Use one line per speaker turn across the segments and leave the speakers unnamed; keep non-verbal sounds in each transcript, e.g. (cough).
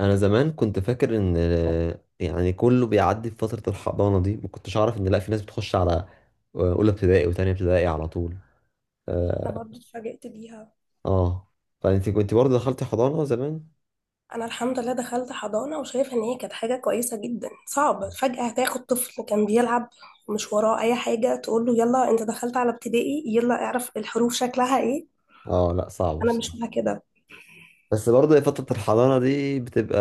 انا زمان كنت فاكر ان يعني كله بيعدي في فتره الحضانه دي. ما كنتش اعرف ان لا في ناس بتخش على اولى ابتدائي وتانية ابتدائي على طول.
انا
اه.
برضو اتفاجئت بيها.
آه. فانت كنت برضه دخلتي حضانه زمان؟
انا الحمد لله دخلت حضانة وشايفة ان هي كانت حاجة كويسة جدا. صعب فجأة هتاخد طفل كان بيلعب مش وراه اي حاجة تقول له يلا انت دخلت على ابتدائي، يلا اعرف الحروف شكلها ايه.
اه، لا، صعب
انا مش
بصراحه.
مع كده.
بس برضه فتره الحضانه دي بتبقى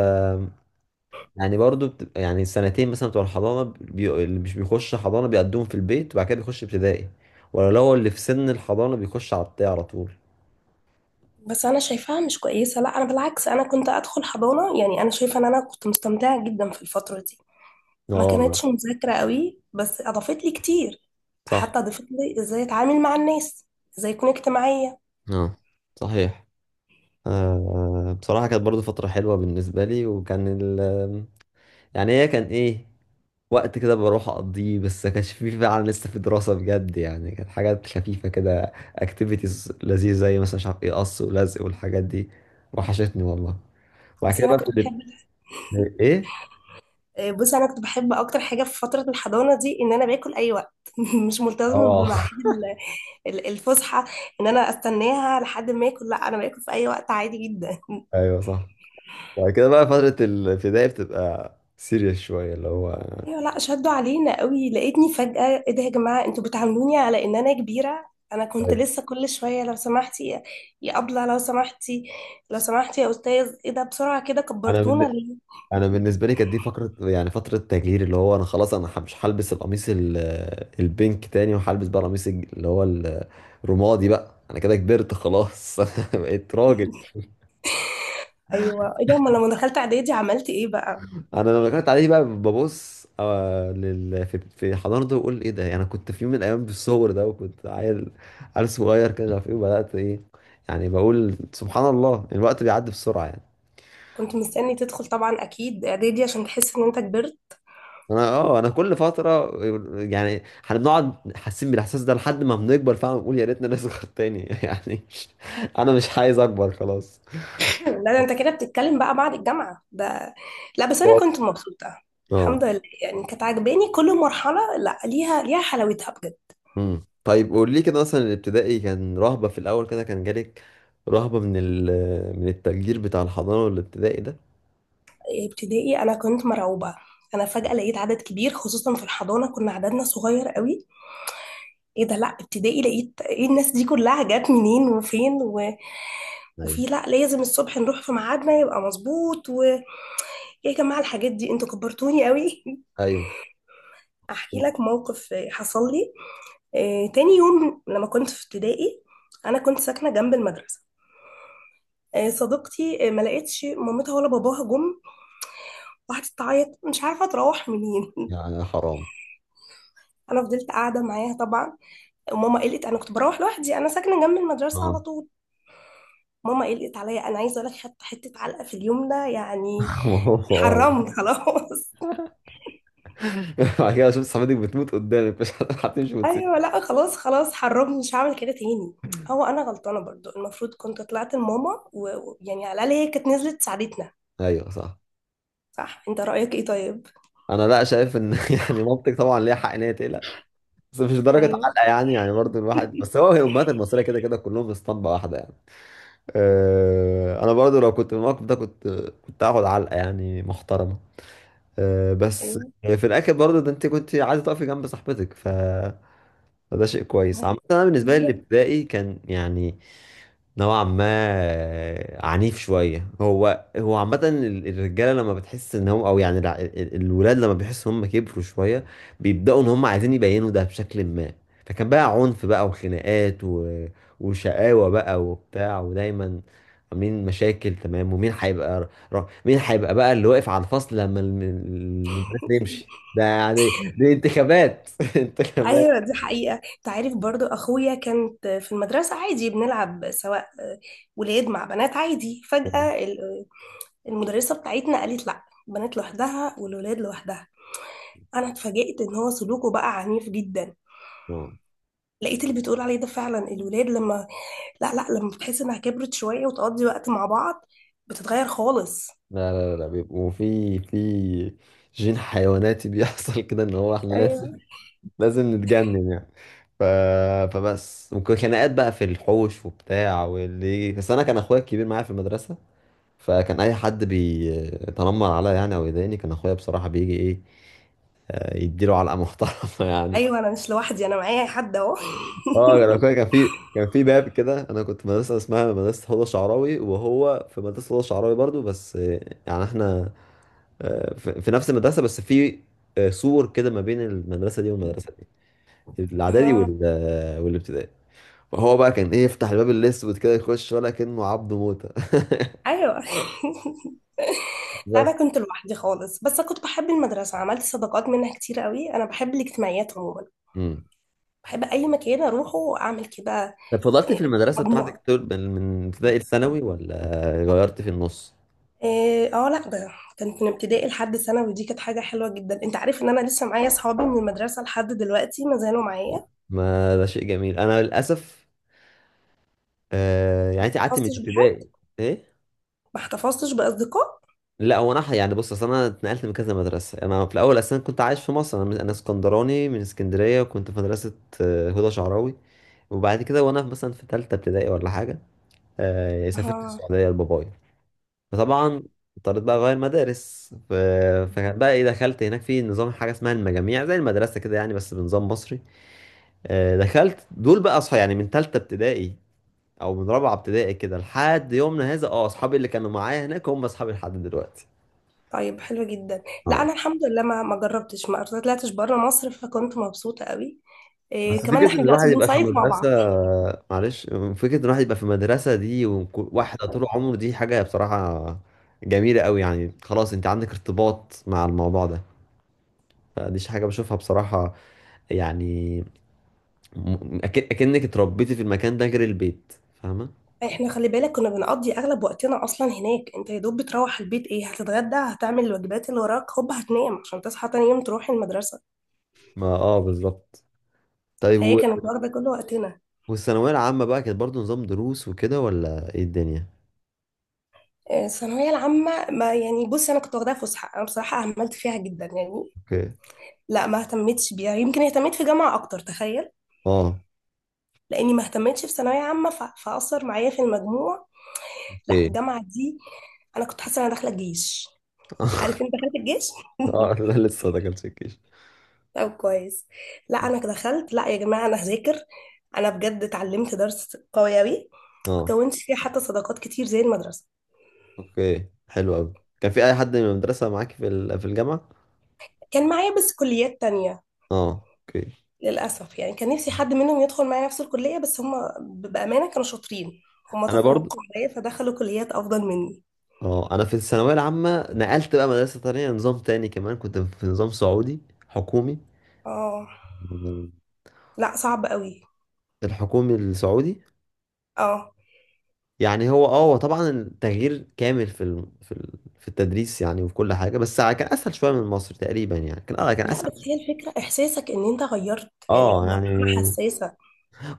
يعني برضه بتبقى يعني سنتين مثلا بتوع الحضانه، اللي مش بيخش حضانه بيقدمهم في البيت، وبعد كده بيخش ابتدائي. ولو هو اللي في سن الحضانه بيخش على ابتدائي على طول.
بس انا شايفاها مش كويسة. لا، انا بالعكس، انا كنت ادخل حضانة، يعني انا شايفة ان انا كنت مستمتعة جدا في الفترة دي. ما
اه، لا.
كانتش مذاكرة قوي بس اضافت لي كتير. حتى
صح.
اضافت لي ازاي اتعامل مع الناس، ازاي اكون اجتماعية.
اه، صحيح. آه، بصراحة كانت برضو فترة حلوة بالنسبة لي، وكان يعني هي كان ايه، وقت كده بروح اقضيه، بس ما كانش فيه فعلا لسه في دراسة بجد. يعني كانت حاجات خفيفة كده، اكتيفيتيز لذيذة زي مثلا مش عارف ايه، قص ولزق والحاجات دي. وحشتني والله. وبعد
بس
كده
انا
بقى
كنت
في
بحب.
الاب- ايه.
آه، بص انا كنت بحب اكتر حاجه في فتره الحضانه دي ان انا باكل اي وقت. (laughs) مش ملتزمه بميعاد
اه.
الفسحه. ان انا استناها لحد ما اكل، لا انا باكل في اي وقت عادي جدا.
(laughs) ايوه صح. وبعد كده بقى فترة الابتدائي بتبقى سيريس شوية اللي هو.
ايوه، لا شدوا علينا قوي، لقيتني فجاه ايه ده يا جماعه انتوا بتعاملوني على ان انا كبيره. انا كنت
أيوة.
لسه كل شويه لو سمحتي يا ابله، لو سمحتي، لو سمحتي يا استاذ، ايه ده بسرعه كده
انا
كبرتونا
من
ليه؟
انا بالنسبه لي كانت دي فقره، يعني فتره تجليد، اللي هو انا خلاص مش هلبس القميص البينك تاني، وهلبس بقى القميص اللي هو الرمادي بقى. انا كده كبرت خلاص، (laughs) بقيت راجل.
ايوه، ايه ده، امال لما دخلت اعدادي عملت ايه بقى؟
انا لما كنت عليه بقى ببص في حضانته، واقول ايه ده. يعني انا كنت في يوم من الايام بالصور ده، وكنت عيل، عيل صغير كده، مش عارف ايه. وبدات ايه، يعني بقول سبحان الله الوقت بيعدي بسرعه يعني.
كنت مستني تدخل طبعا اكيد اعدادي عشان تحس ان انت كبرت.
انا كل فتره يعني احنا بنقعد حاسين بالاحساس ده، لحد ما بنكبر فعلا بنقول يا ريتنا نصغر تاني. (laughs) يعني انا مش عايز اكبر خلاص.
لا ده انت كده بتتكلم بقى بعد الجامعة ده. لا بس انا
بالظبط.
كنت مبسوطة. الحمد
اه.
لله، يعني كانت عاجباني كل مرحلة، لا ليها ليها حلاوتها بجد.
طيب قول لي كده، مثلا الابتدائي كان رهبه في الاول كده، كان جالك رهبه من ال من التفجير بتاع الحضانه والابتدائي ده؟
إيه، ابتدائي انا كنت مرعوبة. انا
مم.
فجأة لقيت عدد كبير، خصوصا في الحضانة كنا عددنا صغير قوي. ايه ده، لا ابتدائي لقيت ايه الناس دي كلها جت منين وفين
ايوه،
وفي، لا لازم الصبح نروح في ميعادنا يبقى مظبوط، ويا جماعة الحاجات دي انتوا كبرتوني قوي.
ايوه.
(laughs) احكي لك موقف حصل لي. آه، تاني يوم لما كنت في ابتدائي، انا كنت ساكنه جنب المدرسه. آه، صديقتي ما لقيتش مامتها ولا باباها جم، وقعدت تعيط مش عارفه تروح منين. (laughs)
يعني حرام.
انا فضلت قاعده معاها طبعا. وماما قلقت، انا كنت بروح لوحدي، انا ساكنه جنب المدرسه على
اه،
طول. ماما قلقت عليا، انا عايزه اقول لك حتى حته علقه في اليوم ده يعني.
(laughs) ما هو آه.
حرمني خلاص.
بعد كده شفت صاحبتك بتموت قدامك، مش هتمشي
(laughs)
وتسيب؟
ايوه، لا خلاص خلاص حرمني، مش هعمل كده تاني. هو انا غلطانه برضو، المفروض كنت طلعت لماما، ويعني على الاقل هي كانت نزلت ساعدتنا.
ايوه صح.
صح، انت رايك ايه طيب؟
انا لا شايف ان (laughs) يعني مامتك طبعا ليها حق ان هي تقلق، بس مش درجة
ايوه.
علقة يعني برضو الواحد،
(laughs)
بس هي الأمهات المصرية كده كده كلهم في اسطمبة واحدة يعني. أه، أنا برضو لو كنت في الموقف ده، كنت هاخد علقة يعني محترمة. أه، بس
ايوه،
في الآخر برضو ده أنت كنت عايزة تقفي جنب صاحبتك، فده شيء كويس.
ما
عامة أنا بالنسبة لي
هي
الابتدائي كان يعني نوعا ما عنيف شوية. هو عامة الرجالة لما بتحس ان هم، او يعني الولاد لما بيحسوا هم كبروا شوية، بيبدأوا ان هم عايزين يبينوا ده بشكل ما. فكان بقى عنف بقى، وخناقات وشقاوة بقى وبتاع، ودايما عاملين مشاكل تمام. ومين هيبقى مين هيبقى بقى اللي واقف على الفصل لما المدرس يمشي، ده يعني دي انتخابات، (laughs) انتخابات.
ايوه دي حقيقة. انت عارف برضو اخويا كانت في المدرسة عادي بنلعب سواء، ولاد مع بنات عادي.
اه.
فجأة المدرسة بتاعتنا قالت لا، البنات لوحدها والولاد لوحدها. انا اتفاجئت ان هو سلوكه بقى عنيف جدا.
آه.
لقيت اللي بتقول عليه ده فعلا، الولاد لما، لا لا، لما بتحس انها كبرت شوية وتقضي وقت مع بعض بتتغير خالص.
لا، لا، لا، لا، بيبقوا في جين حيواناتي بيحصل (laughs) كده، ان هو احنا لازم
ايوه،
لازم نتجنن يعني. ف... فبس ممكن خناقات بقى في الحوش وبتاع واللي، بس انا كان اخويا الكبير معايا في المدرسه. فكان اي حد بيتنمر عليا يعني، او يضايقني، كان اخويا بصراحه بيجي ايه، آه، يديله علقه محترمه (laughs) يعني.
ايوه، انا مش لوحدي، انا معايا حد اهو.
اه، كان اخويا كان في باب كده. انا كنت في مدرسه اسمها مدرسه هدى شعراوي، وهو في مدرسه هدى شعراوي برضو، بس يعني احنا، في نفس المدرسه، بس في سور كده ما بين المدرسه دي والمدرسه دي، الاعدادي
اه،
والابتدائي. فهو بقى كان ايه، يفتح الباب الاسود كده يخش، ولا كأنه عبد موته.
ايوه. (laughs)
(laughs)
لا
بس.
انا كنت لوحدي خالص، بس كنت بحب المدرسه، عملت صداقات منها كتير قوي، انا بحب الاجتماعيات عموما.
امم
بحب اي مكان اروحه اعمل كده.
طب فضلت في
إيه،
المدرسه بتاعتك
مجموعه.
طول من ابتدائي لثانوي، ولا غيرت في النص؟
إيه، اه لا ده كانت من ابتدائي لحد ثانوي، دي كانت حاجه حلوه جدا. انت عارف ان انا لسه معايا اصحابي من المدرسه لحد دلوقتي، ما زالوا معايا. ما
ما ده شيء جميل. انا للاسف. آه، يعني انت قعدت من
حفظتش بحد،
ابتدائي؟ ايه.
ما احتفظتش باصدقاء.
لا، هو يعني بص، اصل انا اتنقلت من كذا مدرسه. انا في الاول اصلا كنت عايش في مصر. أنا اسكندراني، من اسكندريه، وكنت في مدرسه هدى شعراوي. وبعد كده وانا مثلا في ثالثه ابتدائي ولا حاجه، سافرت
اه،
السعوديه لبابايا. فطبعا اضطريت بقى اغير مدارس، فكان بقى ايه، دخلت هناك في نظام حاجه اسمها المجاميع زي المدرسه كده يعني، بس بنظام مصري. دخلت دول بقى اصحى يعني من ثالثه ابتدائي او من رابعه ابتدائي كده لحد يومنا هذا. اه اصحابي اللي كانوا معايا هناك هم اصحابي لحد دلوقتي.
طيب حلو جدا. لا
اه.
انا الحمد لله ما جربتش، ما طلعتش بره مصر، فكنت مبسوطه قوي. إيه،
بس
كمان
فكرة إن
احنا دلوقتي
الواحد يبقى في
بنصيف مع
مدرسة،
بعض.
معلش، فكرة إن الواحد يبقى في مدرسة دي وواحدة طول عمره دي حاجة بصراحة جميلة قوي. يعني خلاص أنت عندك ارتباط مع الموضوع ده. فدي حاجة بشوفها بصراحة يعني، م- أك- أكنك اتربيتي في المكان ده غير البيت. فاهمة؟
احنا خلي بالك كنا بنقضي اغلب وقتنا اصلا هناك، انت يا دوب بتروح البيت، ايه هتتغدى، هتعمل الواجبات اللي وراك، هوب هتنام عشان تصحى تاني يوم تروح المدرسه.
ما آه، بالظبط. طيب
فهي كانت واخده كل وقتنا.
والثانوية العامة بقى كانت برضو نظام دروس وكده، ولا إيه الدنيا؟
آه، الثانويه العامه، ما يعني بصي انا كنت واخداها فسحه، انا بصراحه اهملت فيها جدا يعني.
أوكي.
لا ما اهتمتش بيها، يمكن اهتميت في جامعه اكتر، تخيل.
آه.
لاني ما اهتمتش في ثانويه عامه، فاثر معايا في المجموع. لا
أوكي.
الجامعه دي، انا كنت حاسه انا داخله الجيش.
(laughs)
عارف انت دخلت الجيش.
آه، لا، لسه ما دخلتش الجيش.
طب كويس. لا انا دخلت، لا يا جماعه انا هذاكر، انا بجد اتعلمت درس قوي اوي.
آه.
كونت فيه حتى صداقات كتير زي المدرسه.
اوكي، حلو قوي. كان في اي حد من المدرسه معاك في الجامعه؟
كان معايا بس كليات تانية.
اه، اوكي.
للاسف يعني كان نفسي حد منهم يدخل معايا نفس الكليه، بس هم بامانه كانوا شاطرين، هم
انا برضو.
تفوقوا عليا فدخلوا كليات افضل مني.
اه، انا في الثانويه العامه نقلت بقى مدرسه تانية، نظام تاني، كمان كنت في نظام سعودي حكومي.
اه لا، صعب قوي.
الحكومي السعودي.
اه
يعني هو طبعا التغيير كامل في التدريس يعني، وفي كل حاجه. بس كان اسهل شويه من مصر تقريبا. يعني كان
لا، بس
اسهل.
هي الفكره احساسك ان انت غيرت يعني
اه، يعني
مرحله حساسه.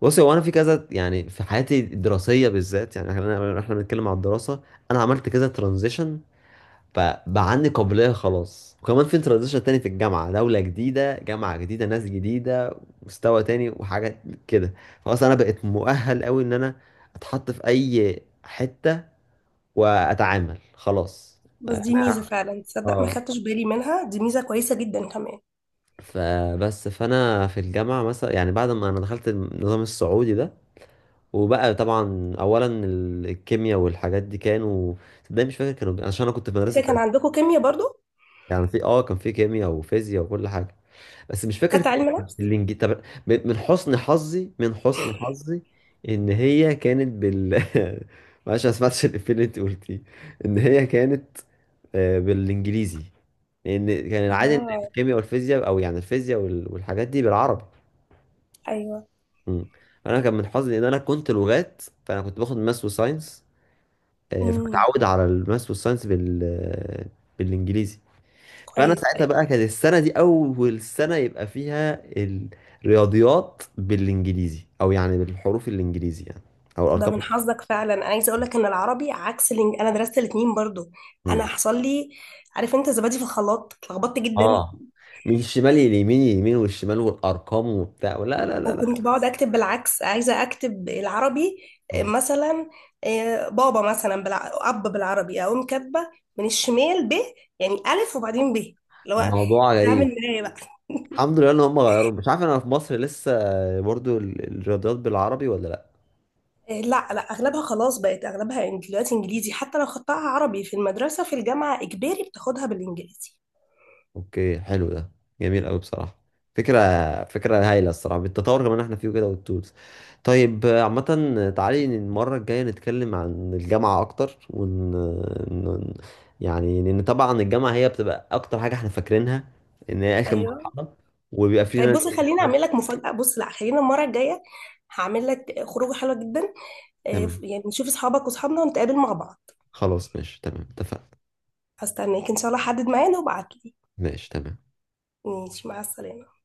بصي، هو انا في كذا يعني في حياتي الدراسيه بالذات، يعني احنا بنتكلم على الدراسه، انا عملت كذا ترانزيشن. فبقى عندي قابلية خلاص، وكمان في انتروديشن تاني في الجامعة. دولة جديدة، جامعة جديدة، ناس جديدة، مستوى تاني، وحاجات كده. خلاص أنا بقيت مؤهل أوي إن أنا أتحط في أي حتة وأتعامل خلاص.
بس دي ميزه
أنا.
فعلا، تصدق ما
اه.
خدتش بالي منها، دي ميزه كويسه جدا كمان.
فبس فأنا في الجامعة مثلا يعني، بعد ما أنا دخلت النظام السعودي ده، وبقى طبعا اولا الكيمياء والحاجات دي كانوا، صدقني مش فاكر كانوا، عشان انا كنت في
انت
مدرسه
كان عندكم كيمياء برضو؟
يعني، في اه كان في كيمياء وفيزياء وكل حاجه، بس مش فاكر
خدت
كان
علم نفس.
الانجليزي. طب من حسن حظي، من حسن حظي ان هي كانت (laughs) معلش، أنا ما سمعتش الافيه اللي انت قلتيه. ان هي كانت بالانجليزي. لان كان العادي ان
اه،
الكيمياء والفيزياء، او يعني الفيزياء والحاجات دي بالعربي.
ايوه.
مم. انا كان من حظي ان انا كنت لغات، فانا كنت باخد ماس وساينس.
امم،
فمتعود على الماس والساينس بالانجليزي. فانا
كويس،
ساعتها
ايوه.
بقى كانت السنه دي اول سنه يبقى فيها الرياضيات بالانجليزي، او يعني بالحروف الانجليزي يعني، او
ده من
الارقام.
حظك فعلا، عايزه اقول لك ان العربي عكس انا درست الاثنين برضو. انا
مم.
حصل لي، عارف انت زبادي في الخلاط اتلخبطت جدا.
اه، من الشمال لليمين، اليمين والشمال والارقام وبتاع. لا، لا، لا،
وكنت
لا.
بقعد اكتب بالعكس، عايزه اكتب العربي. آه،
آه.
مثلا، آه، بابا مثلا اب بالعربي اقوم كاتبه من الشمال ب، يعني الف وبعدين ب، اللي هو
موضوع
بتعمل
غريب.
معايا بقى. (laughs)
الحمد لله ان هم غيروا. مش عارف انا في مصر لسه برضو الرياضيات بالعربي ولا.
إيه، لا لا، اغلبها خلاص بقت اغلبها دلوقتي انجليزي، حتى لو خدتها عربي في المدرسه، في الجامعه اجباري بتاخدها بالانجليزي.
اوكي، حلو ده. جميل قوي بصراحه. فكره فكره هايله الصراحه، بالتطور كمان احنا فيه كده والتولز. طيب عامه، تعالي المره الجايه نتكلم عن الجامعه اكتر، ن- يعني لان طبعا الجامعه هي بتبقى اكتر حاجه احنا فاكرينها ان هي اخر
ايوه.
مرحله وبيبقى
طيب
فينا.
بصي، خليني اعمل لك مفاجاه. بص، لا، خلينا المره الجايه هعمل لك خروجه حلوه جدا. إيه،
تمام.
يعني نشوف اصحابك واصحابنا ونتقابل مع بعض.
خلاص ماشي، تمام، اتفقنا.
هستناك ان شاء الله، حدد معانا وابعت لي.
ماشي تمام.
ماشي، مع السلامه.